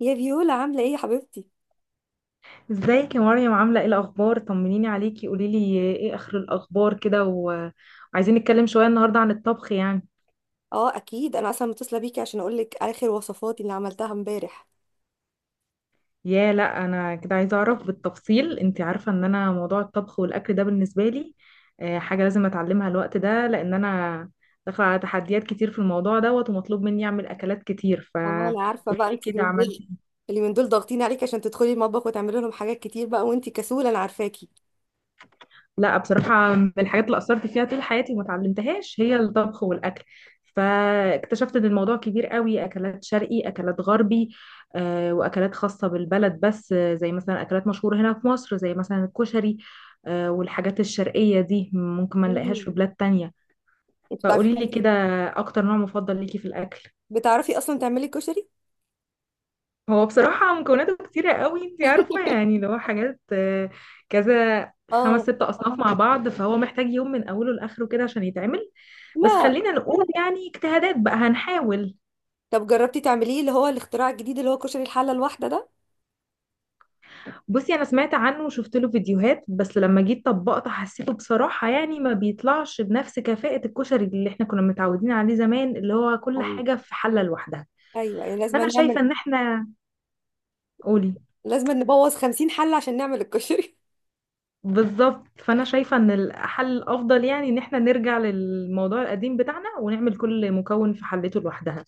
يا فيولا عاملة ايه يا حبيبتي؟ ازيك يا مريم، عاملة ايه الأخبار؟ طمنيني عليكي، قوليلي ايه آخر الأخبار كده وعايزين نتكلم شوية النهاردة عن الطبخ يعني. اه، اكيد انا اصلا متصلة بيكي عشان اقولك اخر وصفاتي اللي عملتها امبارح. يا لا، أنا كده عايزة أعرف بالتفصيل، انت عارفة ان أنا موضوع الطبخ والأكل ده بالنسبة لي حاجة لازم أتعلمها الوقت ده، لأن أنا داخلة على تحديات كتير في الموضوع دوت، ومطلوب مني أعمل أكلات كتير، اه، انا عارفة بقى فقوليلي انت كده اليومين دول عملتي. اليومين دول ضاغطين عليك عشان تدخلي المطبخ وتعملي لهم حاجات كتير بقى وانت كسولة انا عارفاكي. لا بصراحة، من الحاجات اللي أثرت فيها طول حياتي وما اتعلمتهاش هي الطبخ والأكل، فاكتشفت إن الموضوع كبير قوي، أكلات شرقي أكلات غربي، وأكلات خاصة بالبلد، بس زي مثلا أكلات مشهورة هنا في مصر زي مثلا الكشري، والحاجات الشرقية دي ممكن ما نلاقيهاش مم. في بلاد تانية. انت بتعرفي فقولي لي تعملي كده، أكتر نوع مفضل ليكي في الأكل. بتعرفي اصلا تعملي كشري؟ هو بصراحة مكوناته كتيرة قوي، انت عارفة، يعني لو حاجات كذا خمس اه. ست أصناف مع بعض، فهو محتاج يوم من أوله لآخره كده عشان يتعمل. بس لا. خلينا نقول يعني اجتهادات بقى، هنحاول. طب جربتي تعمليه اللي هو الاختراع الجديد اللي هو كشري الحلة الواحدة ده؟ بصي، انا سمعت عنه وشفت له فيديوهات، بس لما جيت طبقته حسيته بصراحة يعني ما بيطلعش بنفس كفاءة الكشري اللي احنا كنا متعودين عليه زمان، اللي هو كل أيوة. حاجة في حلة لوحدها. ايوه يعني فانا شايفة ان احنا، قولي. لازم نبوظ 50 حلة عشان نعمل الكشري. بالظبط، فانا شايفة ان الحل الافضل يعني ان احنا نرجع للموضوع القديم بتاعنا، ونعمل كل مكون في حلته لوحدها.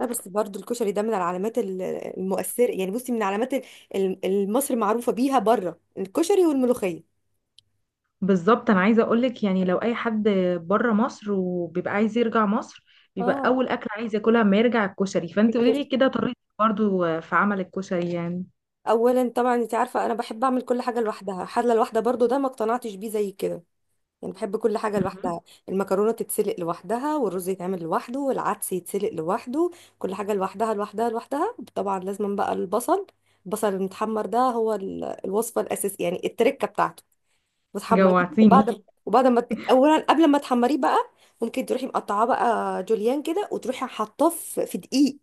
لا بس برضو الكشري ده من العلامات المؤثرة، يعني بصي من علامات مصر معروفة بيها بره، الكشري والملوخية. بالظبط، انا عايزه اقولك يعني لو اي حد بره مصر وبيبقى عايز يرجع مصر، بيبقى اه، اول اكل عايز ياكلها ما يرجع الكشري، فانت قولي لي الكشري. كده طريقتك برضو في عمل الكشري يعني. اولا طبعا انت عارفه انا بحب اعمل كل حاجه لوحدها، حله لوحدها، برضو ده ما اقتنعتش بيه زي كده، يعني بحب كل حاجه مهم. لوحدها. المكرونه تتسلق لوحدها والرز يتعمل لوحده والعدس يتسلق لوحده، كل حاجه لوحدها لوحدها لوحدها. طبعا لازم بقى البصل، البصل المتحمر ده هو الوصفه الاساسيه يعني، التركه بتاعته، وتحمريه. جوعتيني. وبعد وبعد ما ت- اولا قبل ما تحمريه بقى، ممكن تروحي مقطعاه بقى جوليان كده وتروحي حاطاه في دقيق،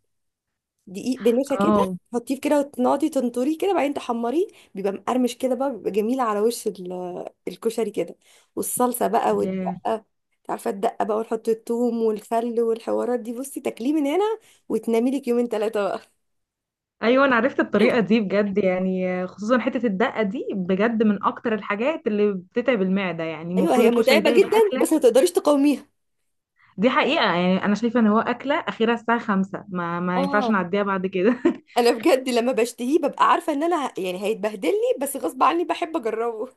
دقيق بنشا كده اه. تحطيه كده وتنقعدي تنطريه كده، بعدين تحمريه. بيبقى مقرمش كده بقى، بيبقى جميل على وش الكشري كده. والصلصه بقى ياه. والدقه، انت عارفه الدقه بقى، ونحط الثوم والخل والحوارات دي. بصي تاكليه من هنا وتنامي لك يومين ثلاثه بقى. ايوه، انا عرفت الطريقه دي بجد، يعني خصوصا حته الدقه دي بجد من اكتر الحاجات اللي بتتعب المعده، يعني ايوه المفروض هي الكشري متعبه ده جدا يبقى اكله. بس ما تقدريش تقاوميها. دي حقيقه، يعني انا شايفه ان هو اكله اخيرا الساعه 5، ما ينفعش اه، نعديها بعد كده. انا بجد لما بشتهيه ببقى عارفه ان انا يعني هيتبهدلني، بس غصب عني بحب اجربه.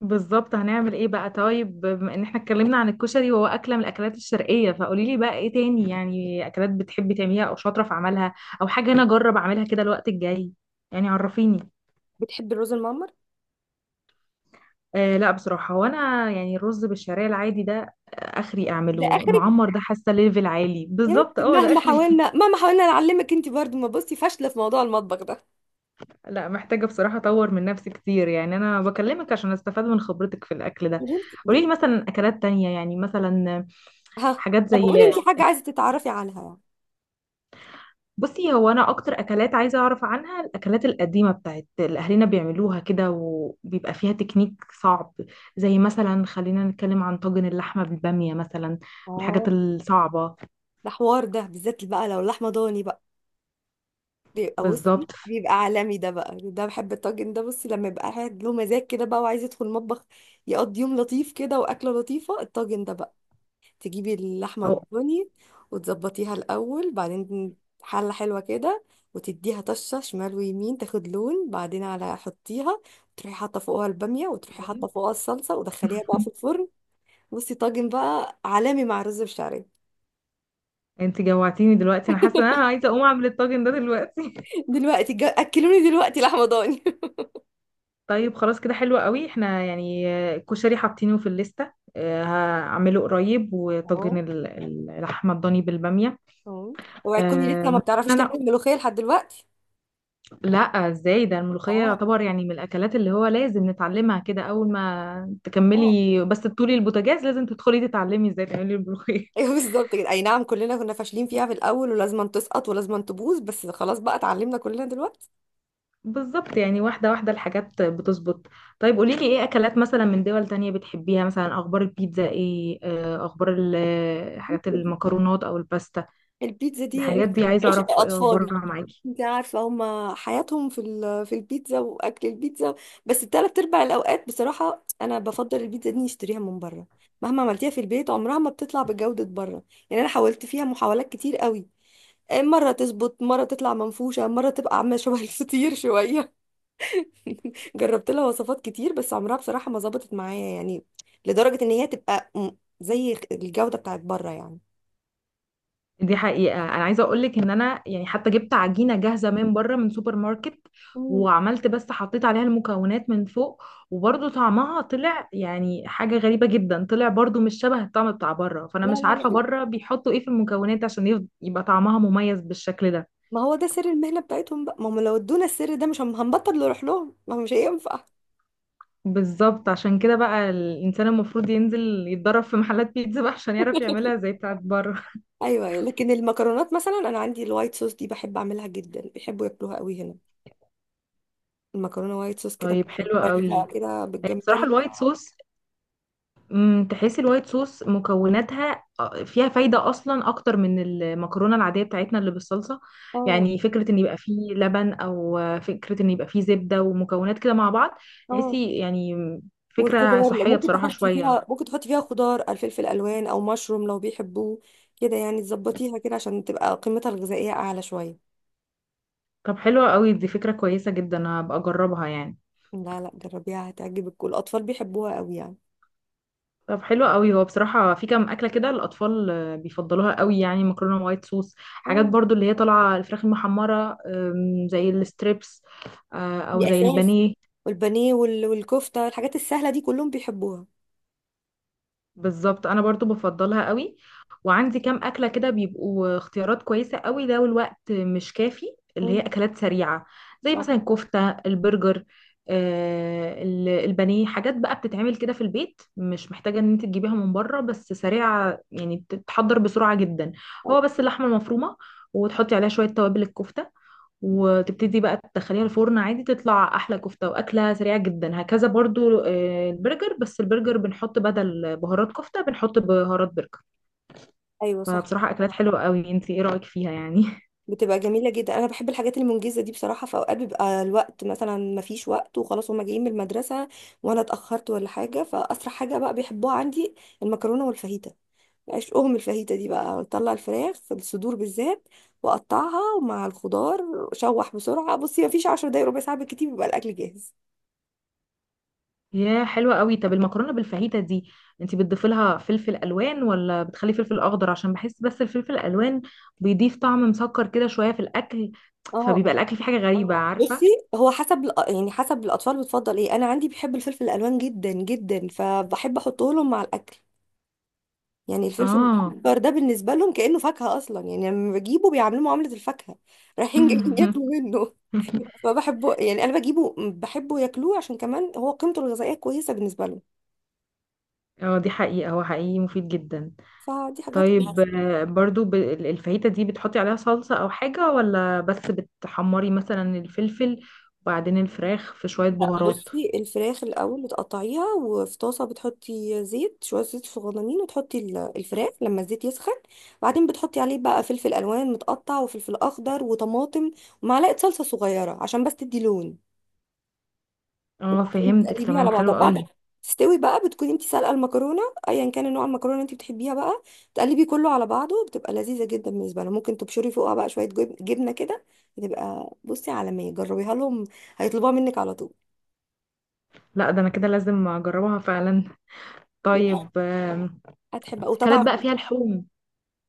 بالظبط، هنعمل ايه بقى؟ طيب، بما ان احنا اتكلمنا عن الكشري وهو اكله من الاكلات الشرقيه، فقولي لي بقى ايه تاني، يعني اكلات بتحبي تعمليها او شاطره في عملها، او حاجه انا اجرب اعملها كده الوقت الجاي، يعني عرفيني. بتحب الرز المعمر؟ آه لا، بصراحه هو انا يعني الرز بالشعريه العادي ده، اخري ده اعمله. اخرك المعمر ده حاسه ليفل عالي، يا بالظبط بنتي، اه ده مهما اخري. حاولنا مهما حاولنا نعلمك انت برضو ما بصي، فاشله في موضوع المطبخ ده. لا، محتاجه بصراحه اطور من نفسي كتير، يعني انا بكلمك عشان استفاد من خبرتك في الاكل ده. قولي انت. قولي لي مثلا اكلات تانية، يعني مثلا ها. حاجات طب زي. قولي انت حاجه عايزه تتعرفي عنها يعني. بصي، هو انا اكتر اكلات عايزه اعرف عنها الاكلات القديمه بتاعت اللي اهلنا بيعملوها كده وبيبقى فيها تكنيك صعب، زي مثلا خلينا نتكلم عن طاجن اللحمه بالباميه، مثلا من اه، الحاجات الصعبه. ده حوار ده بالذات بقى، لو لحمه ضاني بقى بيبقى بصي بالظبط. بيبقى عالمي ده بقى. ده بحب الطاجن ده، بصي لما يبقى قاعد له مزاج كده بقى وعايز يدخل المطبخ، يقضي يوم لطيف كده واكله لطيفه الطاجن ده بقى. تجيبي اللحمة هو. الضاني وتظبطيها الأول، بعدين حلة حلوة كده، وتديها طشة شمال ويمين تاخد لون، بعدين على حطيها، تروحي حاطة فوقها البامية وتروحي حاطة فوقها الصلصة ودخليها بقى في الفرن. بصي طاجن بقى عالمي مع رز بشعرية. انت جوعتيني دلوقتي، انا حاسه ان انا عايزه اقوم اعمل الطاجن ده دلوقتي. دلوقتي أكلوني دلوقتي لحمة ضاني. طيب خلاص كده، حلو قوي، احنا يعني الكشري حاطينه في الليسته، هعمله قريب، وطاجن اه. اللحمه الضاني بالباميه. اه. اوعي تكوني لسه ما ممكن بتعرفيش تعملي انا، الملوخية لحد دلوقتي. لا. ازاي ده؟ الملوخية اه. يعتبر يعني من الاكلات اللي هو لازم نتعلمها كده، اول ما اه. تكملي بس تطولي البوتاجاز لازم تدخلي تتعلمي ازاي تعملي الملوخية. ايوه بالظبط كده، اي نعم كلنا كنا فاشلين فيها في الاول، ولازم تسقط ولازم تبوظ، بس خلاص بقى اتعلمنا كلنا دلوقتي. بالظبط، يعني واحدة واحدة الحاجات بتظبط. طيب قوليلي ايه اكلات مثلا من دول تانية بتحبيها؟ مثلا اخبار البيتزا ايه، اخبار ال- حاجات المكرونات او الباستا. البيتزا دي الحاجات دي عايزة عشق اعرف إيه اطفالي. اخبارها معاكي. انت عارفه هما حياتهم في في البيتزا واكل البيتزا. بس التلات ارباع الاوقات بصراحه انا بفضل البيتزا دي نشتريها من بره، مهما عملتيها في البيت عمرها ما بتطلع بجوده بره. يعني انا حاولت فيها محاولات كتير قوي، مره تظبط مره تطلع منفوشه مره تبقى عامله شبه الفطير شويه. جربت لها وصفات كتير بس عمرها بصراحه ما ظبطت معايا، يعني لدرجه ان هي تبقى م- زي الجوده بتاعت بره يعني. دي حقيقة، أنا عايزة أقولك إن أنا يعني حتى جبت عجينة جاهزة من بره من سوبر ماركت، مم. وعملت بس حطيت عليها المكونات من فوق، وبرضه طعمها طلع يعني حاجة غريبة جدا، طلع برضه مش شبه الطعم بتاع بره، فأنا لا مش لا عارفة لا، بره بيحطوا إيه في المكونات عشان يبقى طعمها مميز بالشكل ده. ما هو ده سر المهنة بتاعتهم بقى، ما هم لو ادونا السر ده مش هنبطل نروح لهم، ما هو مش هينفع. بالظبط عشان كده بقى، الإنسان المفروض ينزل يتدرب في محلات بيتزا بقى عشان يعرف يعملها زي بتاعت بره. ايوه لكن المكرونات مثلا، انا عندي الوايت صوص دي بحب اعملها جدا، بيحبوا ياكلوها قوي هنا. المكرونه وايت صوص كده طيب حلو بالجمبري قوي. بقى، كده هي بصراحة بالجمبري. الوايت صوص، تحس الوايت صوص مكوناتها فيها فايدة أصلا أكتر من المكرونة العادية بتاعتنا اللي بالصلصة، اه. يعني فكرة إن يبقى فيه لبن، أو فكرة إن يبقى فيه زبدة ومكونات كده مع بعض، اه. تحسي يعني فكرة والخضار لو صحية ممكن بصراحة تحطي شوية. فيها، ممكن تحطي فيها خضار الفلفل الوان او مشروم لو بيحبوه، كده يعني تظبطيها كده عشان تبقى قيمتها الغذائيه اعلى شويه. طب حلوة قوي دي، فكرة كويسة جدا، هبقى أجربها يعني. لا لا جربيها هتعجبك، والاطفال بيحبوها قوي يعني. طب حلوة قوي، هو بصراحة في كام أكلة كده الأطفال بيفضلوها قوي، يعني مكرونة وايت صوص، حاجات اه، برضو اللي هي طالعة الفراخ المحمرة، زي الستريبس، أو دي زي اساس، البانيه. والبانيه والكفتة، الحاجات السهلة دي كلهم بيحبوها. بالظبط، انا برضو بفضلها قوي، وعندي كام اكله كده بيبقوا اختيارات كويسه قوي لو الوقت مش كافي، اللي هي مم. اكلات سريعه، زي صح. مثلا الكفته البرجر، آه البانيه، حاجات بقى بتتعمل كده في البيت مش محتاجه ان انت تجيبيها من بره، بس سريعه يعني تتحضر بسرعه جدا. هو بس اللحمه المفرومه وتحطي عليها شويه توابل الكفته، وتبتدي بقى تدخليها الفرن عادي، تطلع احلى كفته واكله سريعه جدا، هكذا برضو البرجر، بس البرجر بنحط بدل بهارات كفته بنحط بهارات برجر. ايوه صح. فبصراحه اكلات حلوه قوي، انت ايه رايك فيها يعني؟ بتبقى جميلة جدا، انا بحب الحاجات المنجزة دي بصراحة، في اوقات بيبقى الوقت مثلا مفيش وقت، وخلاص هما جايين من المدرسة وانا اتأخرت ولا حاجة، فاسرع حاجة بقى بيحبوها عندي، المكرونة والفاهيتا. عشقهم الفاهيتا دي بقى. اطلع الفراخ الصدور بالذات واقطعها مع الخضار، شوح بسرعة، بصي مفيش 10 دقايق ربع ساعة بالكتير بيبقى الاكل جاهز. يا حلوه قوي. طب المكرونه بالفاهيتا دي، انت بتضيفي لها فلفل الوان ولا بتخلي فلفل اخضر؟ عشان بحس بس الفلفل الالوان بيضيف طعم مسكر كده شويه في الاكل، اه. فبيبقى الاكل فيه حاجه غريبه، بصي عارفه. هو يعني حسب الاطفال بتفضل ايه. انا عندي بيحب الفلفل الالوان جدا جدا، فبحب احطه لهم مع الاكل. يعني الفلفل اه. الاخضر ده بالنسبه لهم كانه فاكهه اصلا، يعني لما بجيبه بيعاملوه معامله الفاكهه، رايحين جايين ياكلوا منه. فبحبه، يعني انا بجيبه بحبه ياكلوه عشان كمان هو قيمته الغذائيه كويسه بالنسبه لهم. اه، دي حقيقه، هو حقيقي مفيد جدا. فدي حاجات. طيب برضو الفاهيتا دي، بتحطي عليها صلصة أو حاجة، ولا بس بتحمري مثلا الفلفل وبعدين الفراخ في شوية لا بهارات؟ بصي، الفراخ الاول بتقطعيها، وفي طاسه بتحطي زيت، شويه زيت صغننين، وتحطي الفراخ لما الزيت يسخن، وبعدين بتحطي عليه بقى فلفل الوان متقطع وفلفل اخضر وطماطم ومعلقه صلصه صغيره عشان بس تدي لون. اه وبعدين فهمتك تقلبيها على تمام، بعضها حلو بعد ما قوي. تستوي بقى، بتكوني انت سالقه المكرونه، ايا كان نوع المكرونه اللي انت بتحبيها بقى، تقلبي كله على بعضه، بتبقى لذيذه جدا بالنسبه لها. ممكن تبشري فوقها بقى شويه جبنه كده، بتبقى بصي عالميه. جربيها لهم هيطلبوها منك على طول، لا ده أنا كده لازم أجربها فعلا. طيب هتحبها. أكلات وطبعا بقى فيها لحوم.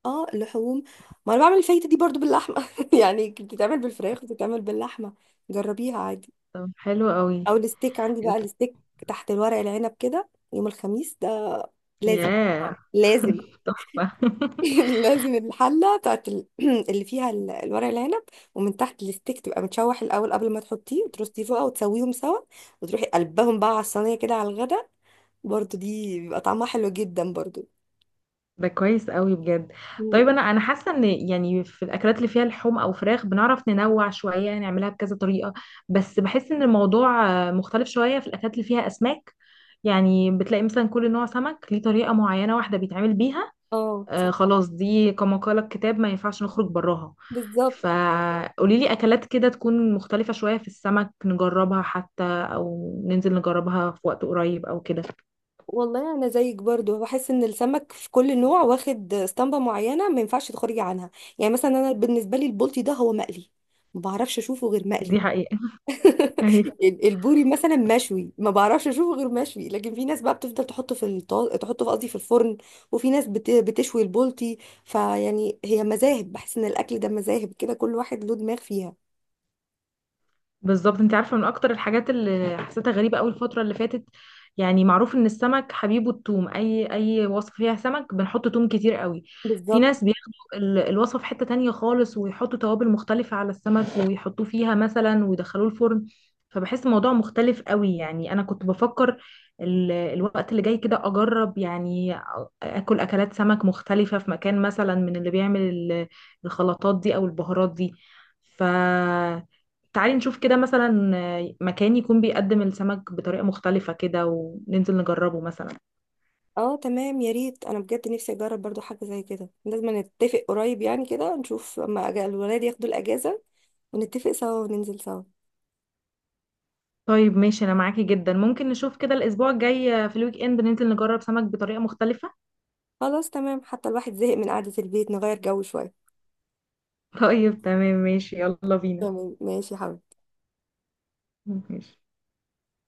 اه، اللحوم، ما انا بعمل الفايته دي برضو باللحمه يعني، بتتعمل بالفراخ وبتتعمل باللحمه، جربيها عادي. طب حلو قوي. او الستيك، عندي بقى الستيك تحت الورق العنب كده، يوم الخميس ده لازم. ياه. لازم. تحفة. لازم الحله بتاعت ال- اللي فيها ال- الورق العنب، ومن تحت الستيك تبقى متشوح الاول قبل ما تحطيه وترصيه فوق وتسويهم سوا، وتروحي قلبهم بقى على الصينيه كده على الغدا، برضو دي بيبقى طعمها حلو جدا برضو. ده كويس قوي بجد. مم. طيب، انا حاسه ان يعني في الاكلات اللي فيها لحوم او فراخ بنعرف ننوع شويه نعملها بكذا طريقه، بس بحس ان الموضوع مختلف شويه في الاكلات اللي فيها اسماك، يعني بتلاقي مثلا كل نوع سمك ليه طريقه معينه واحده بيتعمل بيها. اه آه صح. خلاص، دي كما قال الكتاب، ما ينفعش نخرج براها. بالظبط. فقولي لي اكلات كده تكون مختلفه شويه في السمك، نجربها حتى او ننزل نجربها في وقت قريب او كده. والله يعني انا زيك برضو، بحس ان السمك في كل نوع واخد اسطمبه معينه ما ينفعش تخرجي عنها. يعني مثلا انا بالنسبه لي البلطي ده هو مقلي، ما بعرفش اشوفه غير مقلي. دي حقيقه. البوري مثلا مشوي، ما بعرفش اشوفه غير مشوي، لكن في ناس بقى بتفضل تحطه في تحطه في، قصدي في الفرن، وفي ناس بتشوي البلطي. فيعني هي مذاهب، بحس ان الاكل ده مذاهب كده، كل واحد له دماغ فيها. بالظبط، انت عارفه من اكتر الحاجات اللي حسيتها غريبه قوي الفتره اللي فاتت، يعني معروف ان السمك حبيبه الثوم، اي وصفه فيها سمك بنحط ثوم كتير قوي. في بالظبط. ناس بياخدوا الوصفه في حته تانية خالص، ويحطوا توابل مختلفه على السمك ويحطوه فيها مثلا ويدخلوه الفرن، فبحس الموضوع مختلف قوي. يعني انا كنت بفكر الوقت اللي جاي كده اجرب يعني اكل اكلات سمك مختلفه في مكان مثلا من اللي بيعمل الخلطات دي او البهارات دي. ف تعالي نشوف كده مثلا مكان يكون بيقدم السمك بطريقة مختلفة كده وننزل نجربه مثلا. اه تمام، يا ريت انا بجد نفسي اجرب برضو حاجه زي كده، لازم نتفق قريب يعني، كده نشوف اما الولاد ياخدوا الاجازه ونتفق سوا وننزل سوا. طيب ماشي، أنا معاكي جدا، ممكن نشوف كده الأسبوع الجاي في الويك إند ننزل نجرب سمك بطريقة مختلفة. خلاص تمام، حتى الواحد زهق من قعده البيت، نغير جو شويه. طيب تمام ماشي، يلا بينا. تمام ماشي يا حبيبي. ماشي.